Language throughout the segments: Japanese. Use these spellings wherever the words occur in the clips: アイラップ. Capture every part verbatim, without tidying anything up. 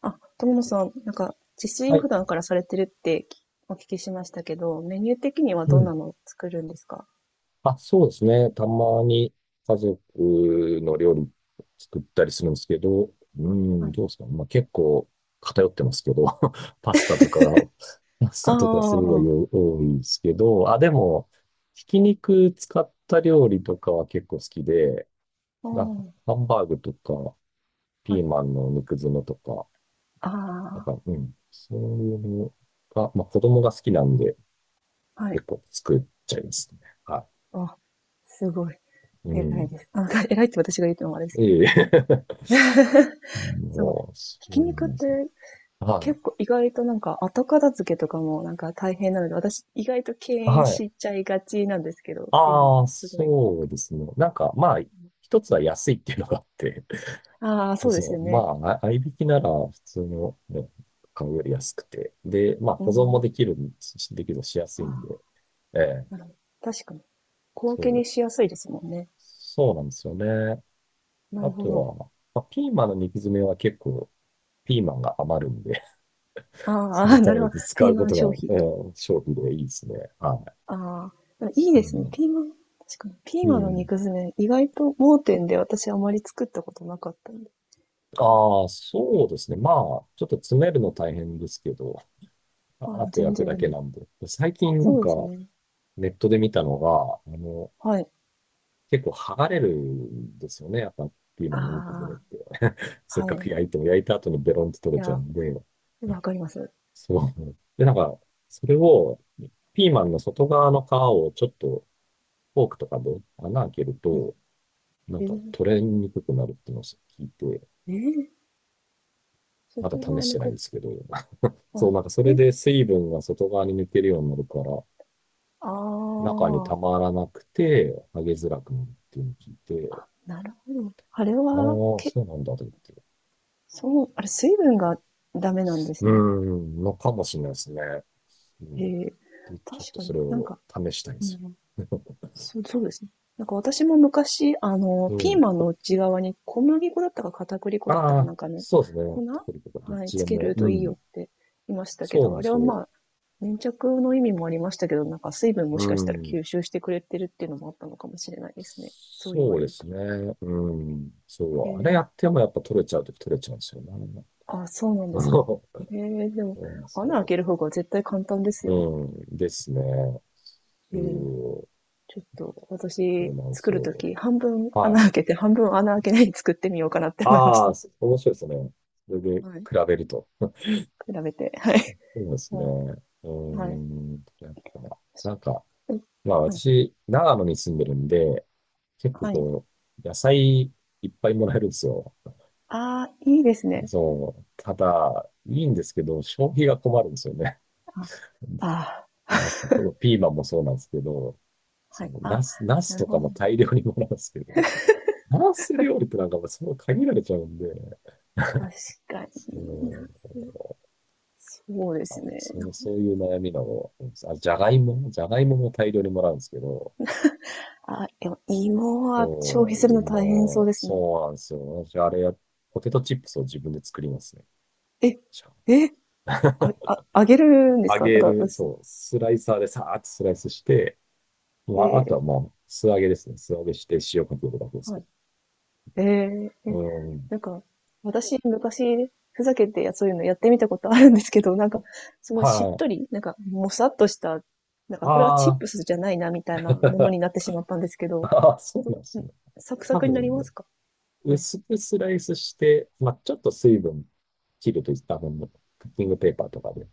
あ、友野さん、なんか、自炊はをい。普段からされてるってお聞きしましたけど、メニュー的にはうどんん。なのを作るんですか？あ、そうですね。たまに家族の料理作ったりするんですけど、うはん、い。どうですかね。まあ結構偏ってますけど、パスタとか、パスあタとかすごいあ、多いですけど、あ、でも、ひき肉使った料理とかは結構好きで、あまあ、ハンバーグとか、はピーい。マンの肉詰めとか、なんあか、うん、そういうのが、まあ子供が好きなんであ、はい。結構作っちゃいますね。はあ、すごい。い。う偉いん。です。あ、なんか偉いって私が言ってもあれです。ええ。すごい。もう、そひうきな肉っんですね。ては結構意外となんか後片付けとかもなんか大変なので、私意外と敬い。遠はい。しちゃいがちなんですけど、今、ああ、すごい。そうですね。なんか、まあ、一つは安いっていうのがあって、ああ、そうですよそう、まね。あ、あ合いびきなら普通の、ね、買うより安くて、で、まあ、う保存もでん。きるん、しできるのしやすいんで、ええ、なるほど確かに。小分そけにう、しやすいですもんね。そうなんですよね。なあるほとど。は、まあ、ピーマンの肉詰めは結構、ピーマンが余るんで、あ あ、そあのあ、たなるめほにど。使ピーうマこンと消費。が、ええ、勝利でいいですね。はい。ああ、そいいですね。うピーマン、確かに。ピーうマンのん。肉詰め、意外と盲点で私あまり作ったことなかったんで。なんか、ああ、そうですね。まあ、ちょっと詰めるの大変ですけど、あああ、あと 全焼く然だでけも。なんで。最近なんそうですかね。ネットで見たのが、あの、はい。結構剥がれるんですよね。やっぱピーマあンの肉骨っあ、て。せっはかくい。焼いても焼いた後にベロンって取いれちゃうや、んで。わかります。そう。で、なんか、それを、ピーマンの外側の皮をちょっとフォークとかで穴開けるうん。と、なんえかー、取れにくくなるっていうのを聞いて、えー、まだ外試側しのてないんこ、ですけど。そあ、う、なんかそれえ、で水分が外側に抜けるようになるから、あ中にたあ、まらなくて、揚げづらくなるっていうのを聞いて、あ、なるほど。あれあは、あ、け、そうなんだと思って。そう、あれ、水分がダメなんでうすーね。ん、のかもしれないですね。うへん。え、でちょっ確とかそにれなんをか、試したいんでうすん、よ。そう、そうですね。なんか私も昔、あ の、うピーマンん。の内側に小麦粉だったか片栗粉だったあかなあ、んかのそうですね。粉テクニックがどっはい、ちつでけも。るうといいよっん。て言いましたけそうど、なんあでれすはよ。まあ、粘着の意味もありましたけど、なんか水分もうしかしたらん。吸収してくれてるっていうのもあったのかもしれないですね。そう言わそうれでるすと。ね。うん。そへう。あれやえ、ってもやっぱ取れちゃうとき取れちゃうんですよね。あ、そうな んですか。そへえ、でも、うなんですよ、穴そ開うける方が絶対簡単ですよね。うん、ですね。そへえ。う、ちょっとそう私なんで作するとよ。き、半分は穴い。開けて、半分穴開けないで作ってみようかなって思いましああ、た。そ面白いですね。それで比はい。べると。比べて。はい。そうですね。うーはい。ん、やっぱ、なんか、はい、まあはい。私、長野に住んでるんで、結構はい。こう、野菜いっぱいもらえるんですよ。ああ、いいですね。そう。ただ、いいんですけど、消費が困るんですよね。あ、あ このピーマンもそうなんですけど、ーはそい。のあ、ナス、ナスなるとほかど。も大量にもらうんですけど、フランス料理ってなんかもうそう限られちゃうんで、確かにそな。う、そうであ、すね。そう、そういう悩みなの。あ、じゃがいもじゃがいもも大量にもらうんですけど、あ、でも芋は消そ費う、するの大変そう芋、ですね。そうなんですよ。私、あれや、ポテトチップスを自分で作りますね。え、ちゃんえ、と あ、あ、あげるんです揚かなんげかる、薄い。そう、スライサーでさーっとスライスして、えまあ、あとーはまあ、素揚げですね。素揚げして塩かけるだけですはけど。い。ええ、うえ、ん。なんか、私、昔、ふざけてやそういうのやってみたことあるんですけど、なんか、すごいしっはとい。り、なんか、もさっとした、なんか、これはあチッあ、プスじゃないな、みたいなものになっ てしまったんですけど、ああ、そうどなんですんね。サクサ多クになり分まね、すか？はい。薄くスライスして、まあ、ちょっと水分切るといった分のクッキングペーパーとかで、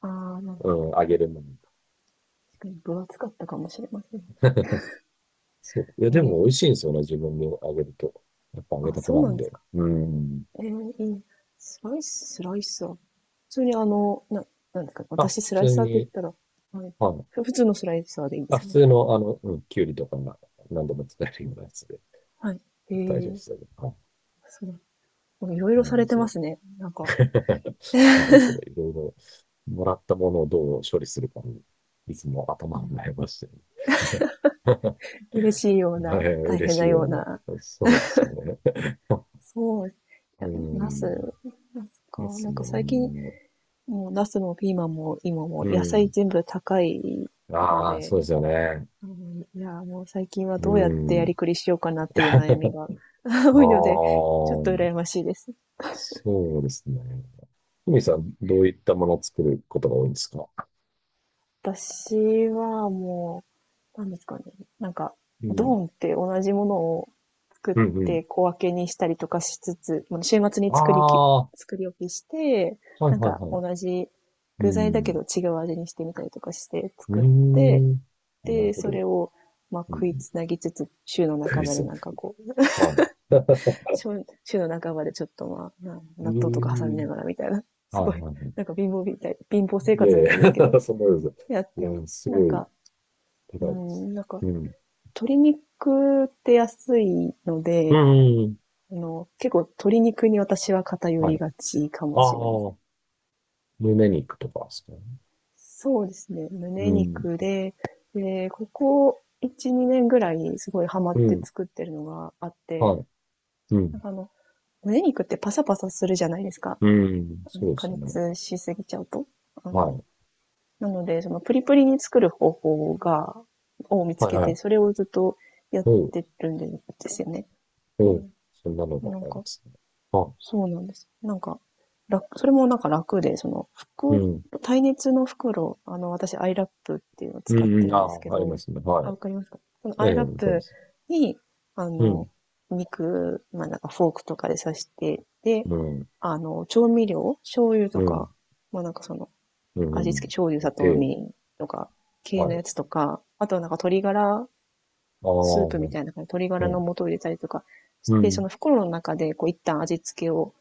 ああ、なるほど。うん、揚げるのに。確かに分厚かったかもしれません。そう。いや、えでえ、も美味しいんですよね、自分で揚げると。やっぱ揚げあ、たてそうななんんでで。すか。うん。ええ、いいね。スライス、スライサー。普通にあの、な、なんですか、あ、普私スライ通サーって言っに、たら、はい。はい。ふ普通のスライサーでいいんであ、す普よね。通の、あの、うん、きゅうりとかが何度も使えるようなやつではい。え大丈夫でえ、すよね。はい。そいろいうろされん、てそまう。すね。なんか、そうそうそう、いろいろもらったものをどう処理するかに、いつもう頭をん、悩ましてる。嬉しいよえうな、ー大嬉変しないよような。うな。そうですね。そう。いうや、ナス、ん。なんか。ですなんもか最近、んね。もうナスもピーマンも今もう野菜ん。全部高いのああ、で、そうですよね。うん、いや、もう最近はどうやうってやりん。くりしようかなっていう悩み あが 多いので、あ、ちょっと羨ましいです。そうですね。ふみうさん、ん、どういったものを作ることが多いんですか？私はもう、なんですかね。なんか、うドん。ーンって同じものを作っうん、うん。て小分けにしたりとかしつつ、まあ週末にあ作りき、あ、は作り置きして、いはいなんかはい。同じ具う材だけん。ど違う味にしてみたりとかしてう作って、ん。なるで、ほそど。れをまあう食いん。つなぎつつ、週のク半イばでズ。なんかこう、はい。週週の半ばでちょっとまあ、な う納豆とか挟みなん。がらみたいな、はすいはごいい、はなんか貧乏みたい、貧乏生い。い活やいみたいですけど、や、そんなことです。やっいてます。や、すなんごい。か、違ううです。ん、なんかうん。鶏肉って安いのうで、ん。うんあの、結構鶏肉に私は偏はい。りがちかあもしれません。あ、胸肉とかですかね。そうですね。う胸ん。肉で、で、ここいち、にねんぐらいすごいハマうってん。作ってるのがあっはて、い。うなんん。かあの、胸肉ってパサパサするじゃないですか。うん。あのそうで加すね。熱しすぎちゃうと。あはの、い。なので、そのプリプリに作る方法が、を見つはいけはて、い。それをずっとやっおう、てるんですよね。おう。そんなのでがなあんりまか、すね。はそうなんです。なんか、楽、それもなんか楽で、その、い。う袋、ん。耐熱の袋、あの、私、アイラップっていうのをう使っん、うてん。るあんですけあ、ありまど、すね。はあ、わかりますかそのい。えアえ、イあラッりまプす。に、あうの、ん。肉、まあ、なんかフォークとかで刺して、で、うん。あの、調味料、醤油うとん。か、まあ、なんかその、う味付ん。け、醤油、砂糖、みで、りんとか、系はのい。やつとか、あとはなんか鶏ガラああ、スープうみん。たいな感じで、鶏ガラの素を入れたりとかしうて、そん。の袋の中で、こう、一旦味付けを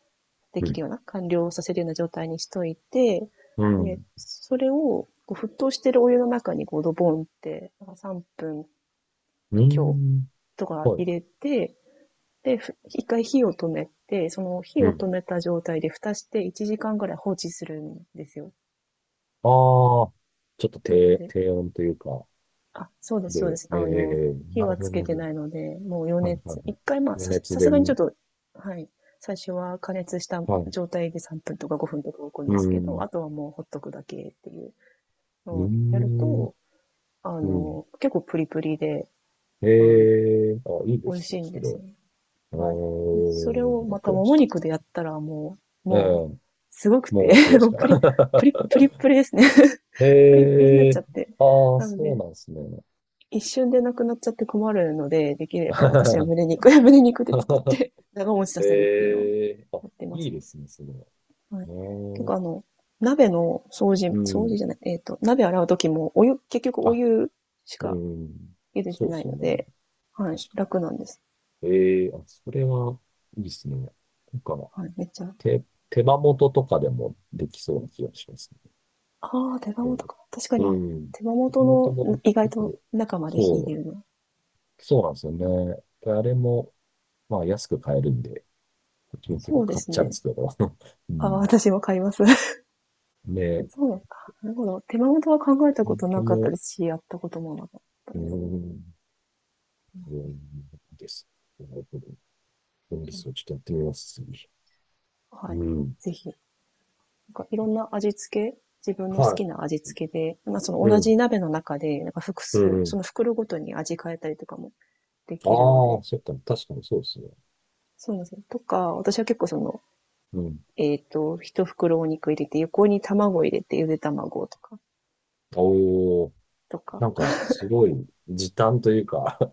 でうきん。るような、完了させるような状態にしといて、うで、ん。それを、こう沸騰してるお湯の中にこうドボンって、なんさんぷんう強ん。とかは入い。れて、で、ふ一回火を止めて、その火うを止ん。めた状態で蓋していちじかんぐらい放置するんですよ。ああ、ちょっとなの低、で、低音というか、あ、そうです、そうでで、す。えあの、ー、火なるはほどつけてね。ないので、もう余はいはいはい。熱、一回まあ、余さ、熱さすでがにちょね。っと、はい、最初は加熱したはい。状態でさんぷんとかごふんとか置くんうですけど、ん。あとはもうほっとくだけっていううそう、やるん。と、あうん。の、結構プリプリで、えあの、えー、あ、いいで美味すしね、いんそでれすは。よ。あはい。でそれをー、またクラッももシ肉でやったらもう、もュ。うう、ん。すごくて、もうす ごいですもうか？プリ、プリ、プリプリですね。え プリプリになっえちゃって。ー、ああ、なのそうで、なんですね。一瞬でなくなっちゃって困るので、できれば私は胸 肉、胸肉で作って長持ちさせるっていうのをええー、あ、やってまいいすでね。すね、それは。はうい。ー結構ん。あの、鍋の掃う除、掃除ん。じゃない、えっと、鍋洗う時も、お湯、結局おあ、湯しうかん。茹でてそうでなすいよのね。で、はい、確か楽なんです。に。ええー、あ、それは、いいですね。なんか、はい、めっちゃ。手、手羽元とかでもできそうな気がしますね。ああ、手羽元か。確かうに、ん。うん手羽手羽元元のも意外結と構、中まで火入それるの。う、そうなんですよね。であれも、まあ安く買えるんで、うちも結そ構うで買っすちゃうんでね。すけど。うああ、ん。私も買います。ね、そうなか。なるほど。手羽元は考えたこ本と当なかったも、ですし、やったこともなかったうです。ん、うんです。なるほど。分離数をちょっとやってみます、次。はい。うん。ぜひ。なんかいろんな味付け、自分の好はきな味付けで、まあそのい。う同ん。じ鍋の中で、なんか複う数、そん。の袋ごとに味変えたりとかもであきるのあ、で、そっか。確かにそうですね。そうなんですよ。とか、私は結構その、うん。えっと、一袋お肉入れて、横に卵入れて、ゆで卵とか、おお。とか。なんか、すごい時短というか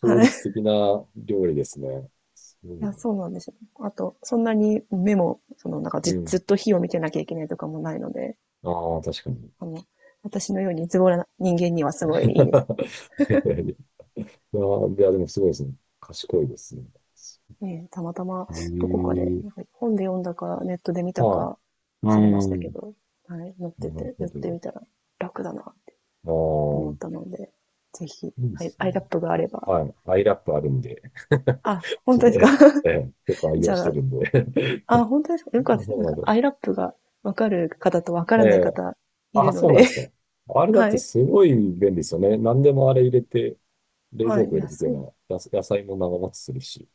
効はい。率 的な料理ですね。すごいいなや、そうなんですよ。あと、そんなに目も、その、なんかうずずん。っと火を見てなきゃいけないとかもないので、ああ、確かに。あの、私のようにズボラな人間にはすごいいいです。いやー、いやでもすごいですね。賢いですね。ねたまたま、へどこかで、え、なんか本で読んだか、ネットで見たはい。か、う忘れましたけん。ど、はい、乗ってなるて、ほ寄ってど。みたら楽だなって思あったので、ぜひ、あ、いいではい、すね。アイラップがあれば。はい。アイラップあるんで。あ、本ちょっ当でと、すか？ ええ、ええ結構 愛じ用しゃてあ、るんで。あ、本当ですか。よ かったです。なんそうか、なんアイラップがわかる方とわかだ。らえないえ、方いあ、るのそうなんでで。すか。あ れだっはてい。すごい便利ですよね。何でもあれ入れて、冷は蔵い。庫い入れや、てけそう。ば、やす野菜も長持ちするし、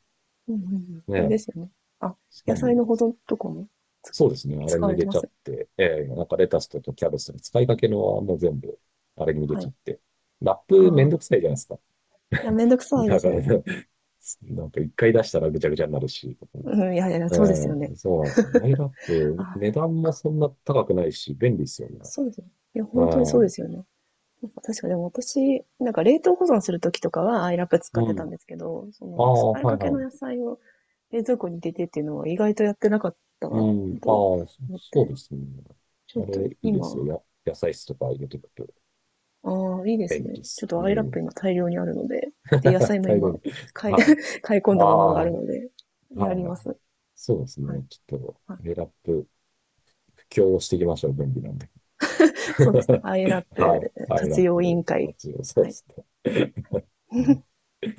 うんうんうん。あれね。ですよね。あ、しか野菜も、の保存とかもつそうですね。あれ使わにれ入れてまちゃっす。て、えーなんかレタスとかキャベツとか使いかけのはもう全部、あれに入れはちゃっい。て。ラッあプめんどくあ。さいじゃないですか。いや、めんどくさいでだから、す。ね なんか一回出したらぐちゃぐちゃになるし、とかね。うん、いやいや、えそうですよね。えそうなんですよ。マイラップ、あ、値そっ段もか。そんな高くないし、便利ですよね。そうですね。いや、本当にうそうでん。すよね。なんか確かでも私、なんか冷凍保存するときとかはアイラップ使っうてたんん。ですけど、そあのあ、使いはかいけはのい。野菜を冷蔵庫に入れてっていうのは意外とやってなかったうなん。あとあ、そ思っそうて。ですね。ちょあっとれ、いいですよ。今、や、野菜室とか入れてくと。ああ、いいで便す利ね。でちょす。っとうアイラップん。今大量にあるので、で、野 菜も大量今、に。買い、は 買いい。込んあだものあ、があるので、やりはい。ます。そうですはい。ね。ちょっと、はい、エラップ、布教をしていきましょう。便利なんで。そうですね。アイラッ はい。プはい、ラッ活用委プ員会。活用、そうはでい。すね。はい